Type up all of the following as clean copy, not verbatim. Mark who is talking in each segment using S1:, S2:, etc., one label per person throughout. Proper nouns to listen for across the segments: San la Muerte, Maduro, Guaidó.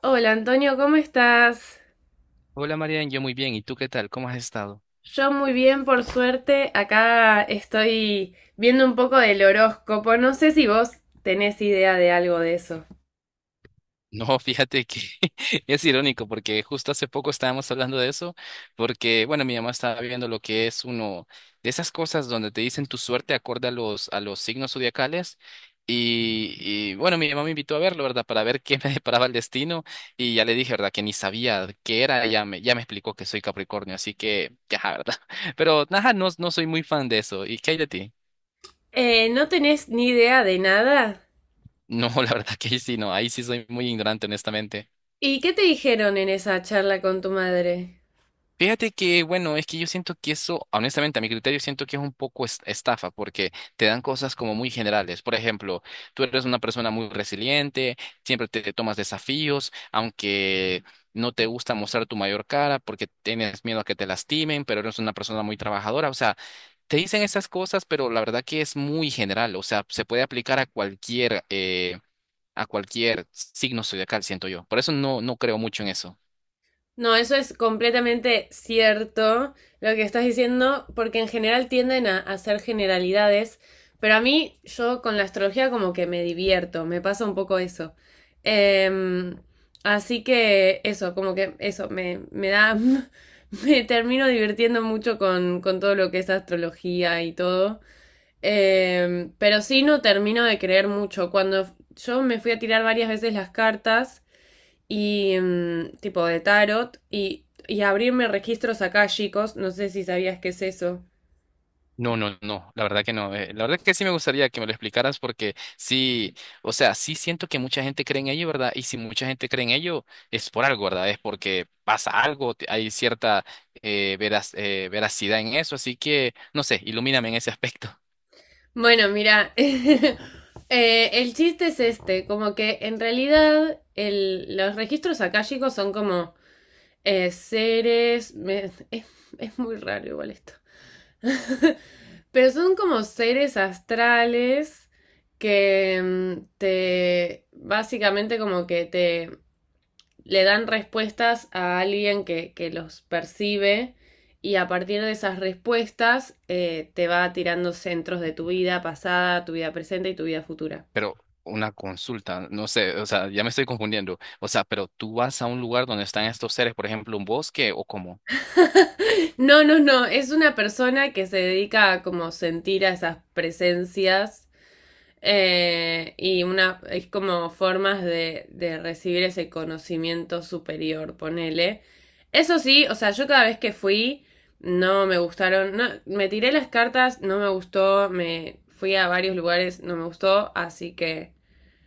S1: Hola Antonio, ¿cómo estás?
S2: Hola Marian, yo muy bien. ¿Y tú qué tal? ¿Cómo has estado?
S1: Yo muy bien, por suerte. Acá estoy viendo un poco del horóscopo. No sé si vos tenés idea de algo de eso.
S2: No, fíjate que es irónico porque justo hace poco estábamos hablando de eso, porque bueno, mi mamá estaba viendo lo que es uno de esas cosas donde te dicen tu suerte acorde a a los signos zodiacales. Y, bueno, mi mamá me invitó a verlo, ¿verdad? Para ver qué me deparaba el destino. Y ya le dije, ¿verdad? Que ni sabía qué era. Ya me explicó que soy Capricornio, así que, ya, ¿verdad? Pero nada, no, no soy muy fan de eso. ¿Y qué hay de ti?
S1: ¿No tenés ni idea de nada?
S2: No, la verdad que ahí sí, no, ahí sí soy muy ignorante, honestamente.
S1: ¿Y qué te dijeron en esa charla con tu madre?
S2: Fíjate que, bueno, es que yo siento que eso, honestamente, a mi criterio, siento que es un poco estafa, porque te dan cosas como muy generales. Por ejemplo, tú eres una persona muy resiliente, siempre te tomas desafíos, aunque no te gusta mostrar tu mayor cara porque tienes miedo a que te lastimen, pero eres una persona muy trabajadora. O sea, te dicen esas cosas, pero la verdad que es muy general. O sea, se puede aplicar a cualquier signo zodiacal, siento yo. Por eso no, no creo mucho en eso.
S1: No, eso es completamente cierto lo que estás diciendo, porque en general tienden a hacer generalidades, pero a mí yo con la astrología como que me divierto, me pasa un poco eso. Em, Así que eso, como que eso, me da, me termino divirtiendo mucho con todo lo que es astrología y todo. Pero sí no termino de creer mucho. Cuando yo me fui a tirar varias veces las cartas, y tipo de tarot y abrirme registros acá, chicos. No sé si sabías qué es eso.
S2: No, no, no, la verdad que no. La verdad que sí me gustaría que me lo explicaras porque sí, o sea, sí siento que mucha gente cree en ello, ¿verdad? Y si mucha gente cree en ello, es por algo, ¿verdad? Es porque pasa algo, hay cierta veracidad en eso, así que, no sé, ilumíname en ese aspecto.
S1: Bueno, mira, el chiste es este, como que en realidad los registros acá, chicos, son como seres, es muy raro igual esto. Pero son como seres astrales que te, básicamente como que te le dan respuestas a alguien que los percibe y a partir de esas respuestas te va tirando centros de tu vida pasada, tu vida presente y tu vida futura.
S2: Pero una consulta, no sé, o sea, ya me estoy confundiendo. O sea, pero tú vas a un lugar donde están estos seres, por ejemplo, un bosque o cómo.
S1: No, es una persona que se dedica a como sentir a esas presencias. Y una, es como formas de recibir ese conocimiento superior, ponele. Eso sí, o sea, yo cada vez que fui, no me gustaron, no, me tiré las cartas, no me gustó, me fui a varios lugares, no me gustó, así que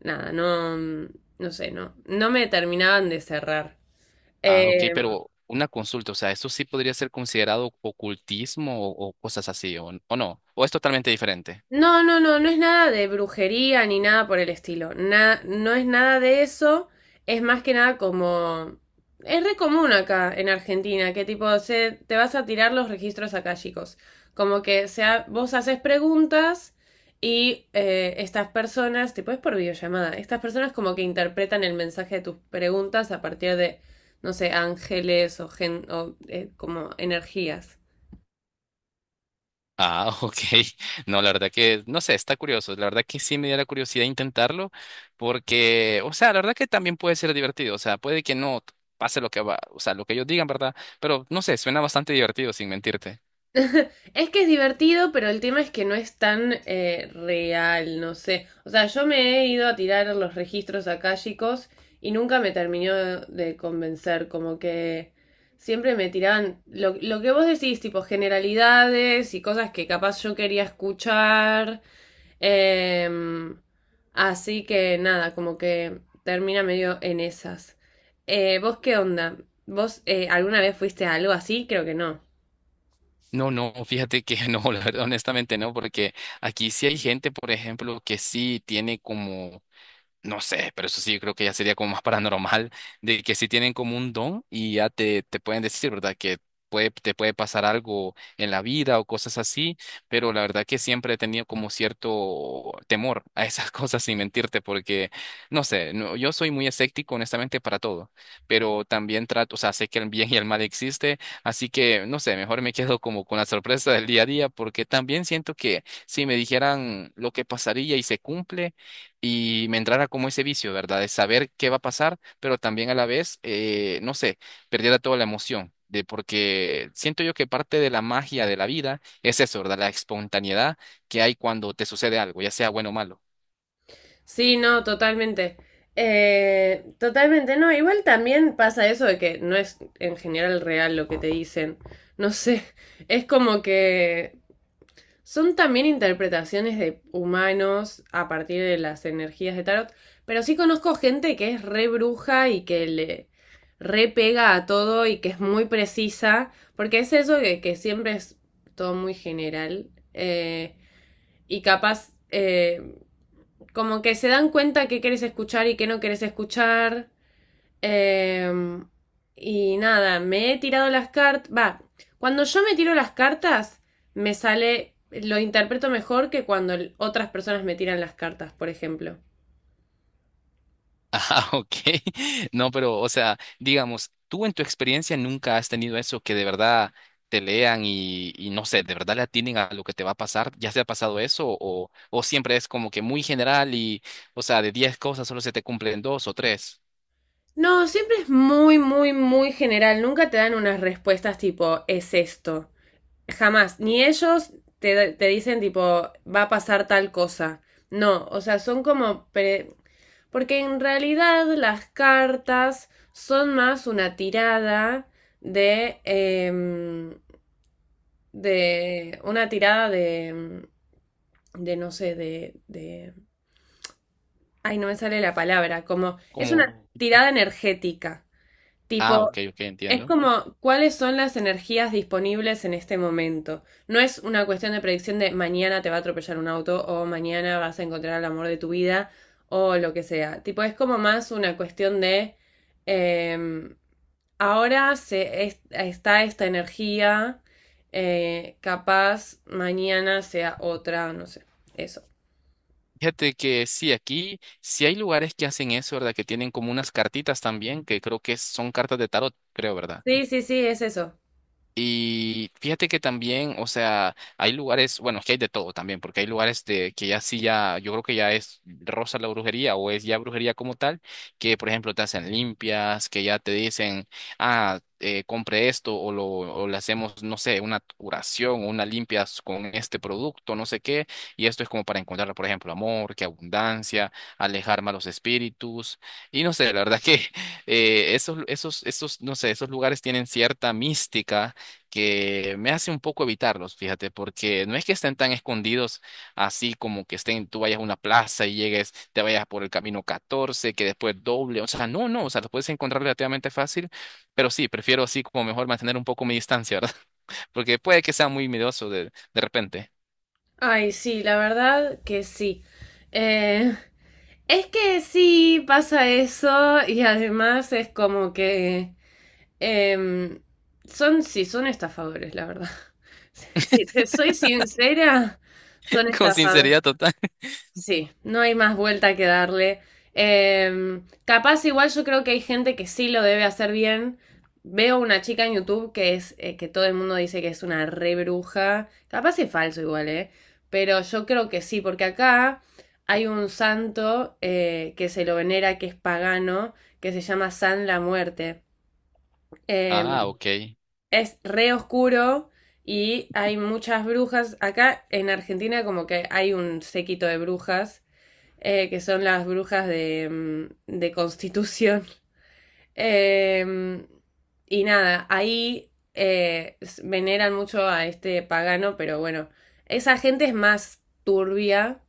S1: nada, no, no sé, no, no me terminaban de cerrar.
S2: Ah, ok,
S1: Eh,
S2: pero una consulta, o sea, ¿esto sí podría ser considerado ocultismo o cosas así, o no? ¿O es totalmente diferente?
S1: no, no es nada de brujería ni nada por el estilo. No es nada de eso. Es más que nada como... Es re común acá en Argentina, que tipo, se, te vas a tirar los registros chicos? Como que sea, vos haces preguntas y estas personas, tipo es por videollamada, estas personas como que interpretan el mensaje de tus preguntas a partir de, no sé, ángeles o, gen, o como energías.
S2: Ah, ok. No, la verdad que, no sé, está curioso. La verdad que sí me diera curiosidad intentarlo, porque, o sea, la verdad que también puede ser divertido, o sea, puede que no pase lo que va, o sea, lo que ellos digan, ¿verdad? Pero no sé, suena bastante divertido, sin mentirte.
S1: Es que es divertido, pero el tema es que no es tan real, no sé. O sea, yo me he ido a tirar los registros akáshicos y nunca me terminó de convencer, como que siempre me tiraban lo que vos decís, tipo generalidades y cosas que capaz yo quería escuchar. em, Así que nada, como que termina medio en esas. ¿Vos qué onda? ¿Vos alguna vez fuiste a algo así? Creo que no.
S2: No, no, fíjate que no, la verdad, honestamente no, porque aquí sí hay gente, por ejemplo, que sí tiene como. No sé, pero eso sí, yo creo que ya sería como más paranormal, de que si tienen como un don y ya te pueden decir, ¿verdad? Que puede, te puede pasar algo en la vida o cosas así, pero la verdad que siempre he tenido como cierto temor a esas cosas sin mentirte, porque, no sé, no, yo soy muy escéptico honestamente para todo, pero también trato, o sea, sé que el bien y el mal existe, así que, no sé, mejor me quedo como con la sorpresa del día a día, porque también siento que si me dijeran lo que pasaría y se cumple, y me entrara como ese vicio, ¿verdad? De saber qué va a pasar, pero también a la vez, no sé, perdiera toda la emoción. De porque siento yo que parte de la magia de la vida es eso, ¿verdad? La espontaneidad que hay cuando te sucede algo, ya sea bueno o malo.
S1: Sí, no, totalmente. Totalmente, no. Igual también pasa eso de que no es en general real lo que te dicen. No sé, es como que son también interpretaciones de humanos a partir de las energías de tarot. Pero sí conozco gente que es re bruja y que le re pega a todo y que es muy precisa. Porque es eso que siempre es todo muy general. Y capaz como que se dan cuenta qué querés escuchar y qué no querés escuchar. eh, y nada, me he tirado las cartas. Va, cuando yo me tiro las cartas, me sale. Lo interpreto mejor que cuando otras personas me tiran las cartas, por ejemplo.
S2: Ah, ok. No, pero, o sea, digamos, tú en tu experiencia nunca has tenido eso que de verdad te lean y no sé, de verdad le atinen a lo que te va a pasar. ¿Ya se ha pasado eso? O siempre es como que muy general y, o sea, de 10 cosas solo se te cumplen dos o tres.
S1: No, siempre es muy, muy, muy general. Nunca te dan unas respuestas tipo, es esto. Jamás, ni ellos te dicen tipo, va a pasar tal cosa. No, o sea, son como... Porque en realidad las cartas son más una tirada de... de una tirada de no sé, de... Ay, no me sale la palabra, como... Es
S2: Como,
S1: una tirada energética. Tipo,
S2: ah, ok, ok,
S1: es
S2: entiendo.
S1: como cuáles son las energías disponibles en este momento. No es una cuestión de predicción de mañana te va a atropellar un auto o mañana vas a encontrar el amor de tu vida o lo que sea. Tipo, es como más una cuestión de em, ahora está esta energía, capaz mañana sea otra, no sé. Eso.
S2: Fíjate que sí, aquí sí hay lugares que hacen eso, ¿verdad? Que tienen como unas cartitas también, que creo que son cartas de tarot, creo, ¿verdad?
S1: Sí, sí, sí, es eso.
S2: Y fíjate que también, o sea, hay lugares, bueno, es que hay de todo también, porque hay lugares de que ya sí ya, yo creo que ya es rosa la brujería o es ya brujería como tal, que por ejemplo te hacen limpias, que ya te dicen, ah, compre esto o lo o le hacemos, no sé, una curación o una limpia con este producto, no sé qué, y esto es como para encontrar, por ejemplo, amor, que abundancia, alejar malos espíritus, y no sé, la verdad que esos, no sé, esos lugares tienen cierta mística que me hace un poco evitarlos, fíjate, porque no es que estén tan escondidos así como que estén, tú vayas a una plaza y llegues, te vayas por el camino 14 que después doble, o sea, no, no, o sea, los puedes encontrar relativamente fácil, pero sí, prefiero así como mejor mantener un poco mi distancia, ¿verdad? Porque puede que sea muy miedoso de repente,
S1: Ay, sí, la verdad que sí. Eh, es que sí pasa eso y además es como que em, sí, son estafadores, la verdad. Si te soy sincera, son
S2: con
S1: estafadores.
S2: sinceridad total.
S1: Sí, no hay más vuelta que darle. Capaz igual yo creo que hay gente que sí lo debe hacer bien. Veo una chica en YouTube que es que todo el mundo dice que es una re bruja. Capaz es falso igual, ¿eh? Pero yo creo que sí, porque acá hay un santo que se lo venera, que es pagano, que se llama San la Muerte.
S2: Ah,
S1: Em,
S2: ok.
S1: es re oscuro y hay muchas brujas. Acá en Argentina como que hay un séquito de brujas que son las brujas de, de Constitución. Eh, y nada, ahí veneran mucho a este pagano, pero bueno, esa gente es más turbia,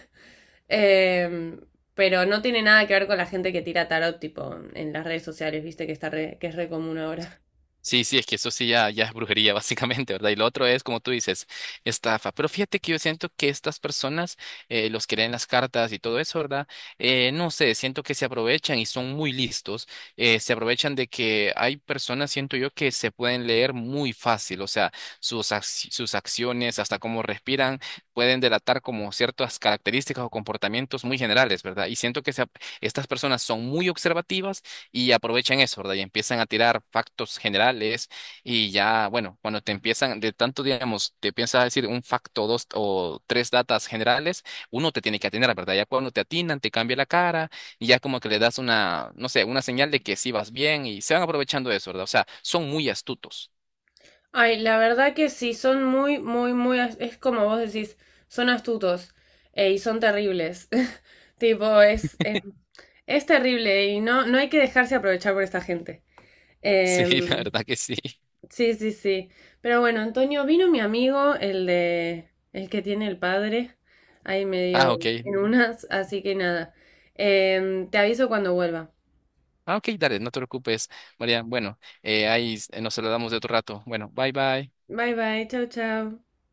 S1: eh, pero no tiene nada que ver con la gente que tira tarot, tipo, en las redes sociales, viste, que, que es re común ahora.
S2: Sí, sí, es que eso sí ya, ya es brujería, básicamente, ¿verdad? Y lo otro es, como tú dices, estafa. Pero fíjate que yo siento que estas personas, los que leen las cartas y todo eso, ¿verdad? No sé, siento que se aprovechan y son muy listos. Se aprovechan de que hay personas, siento yo, que se pueden leer muy fácil. O sea, sus acciones, hasta cómo respiran, pueden delatar como ciertas características o comportamientos muy generales, ¿verdad? Y siento que estas personas son muy observativas y aprovechan eso, ¿verdad? Y empiezan a tirar factos generales y ya, bueno, cuando te empiezan de tanto, digamos, te piensas decir un facto, dos o tres datas generales, uno te tiene que atinar, ¿verdad? Ya cuando te atinan, te cambia la cara y ya como que le das una, no sé, una señal de que sí vas bien y se van aprovechando de eso, ¿verdad? O sea, son muy astutos.
S1: Ay, la verdad que sí, son muy, muy, muy, es como vos decís, son astutos y son terribles. Tipo, es terrible y no, no hay que dejarse aprovechar por esta gente.
S2: Sí,
S1: Em,
S2: la verdad que sí.
S1: sí, sí, sí. Pero bueno, Antonio, vino mi amigo, el de, el que tiene el padre, ahí
S2: Ah,
S1: medio
S2: ok.
S1: en unas, así que nada. Te aviso cuando vuelva.
S2: Ah, ok, dale, no te preocupes, María. Bueno, ahí nos saludamos de otro rato. Bueno, bye bye.
S1: Bye, bye, chao, chao.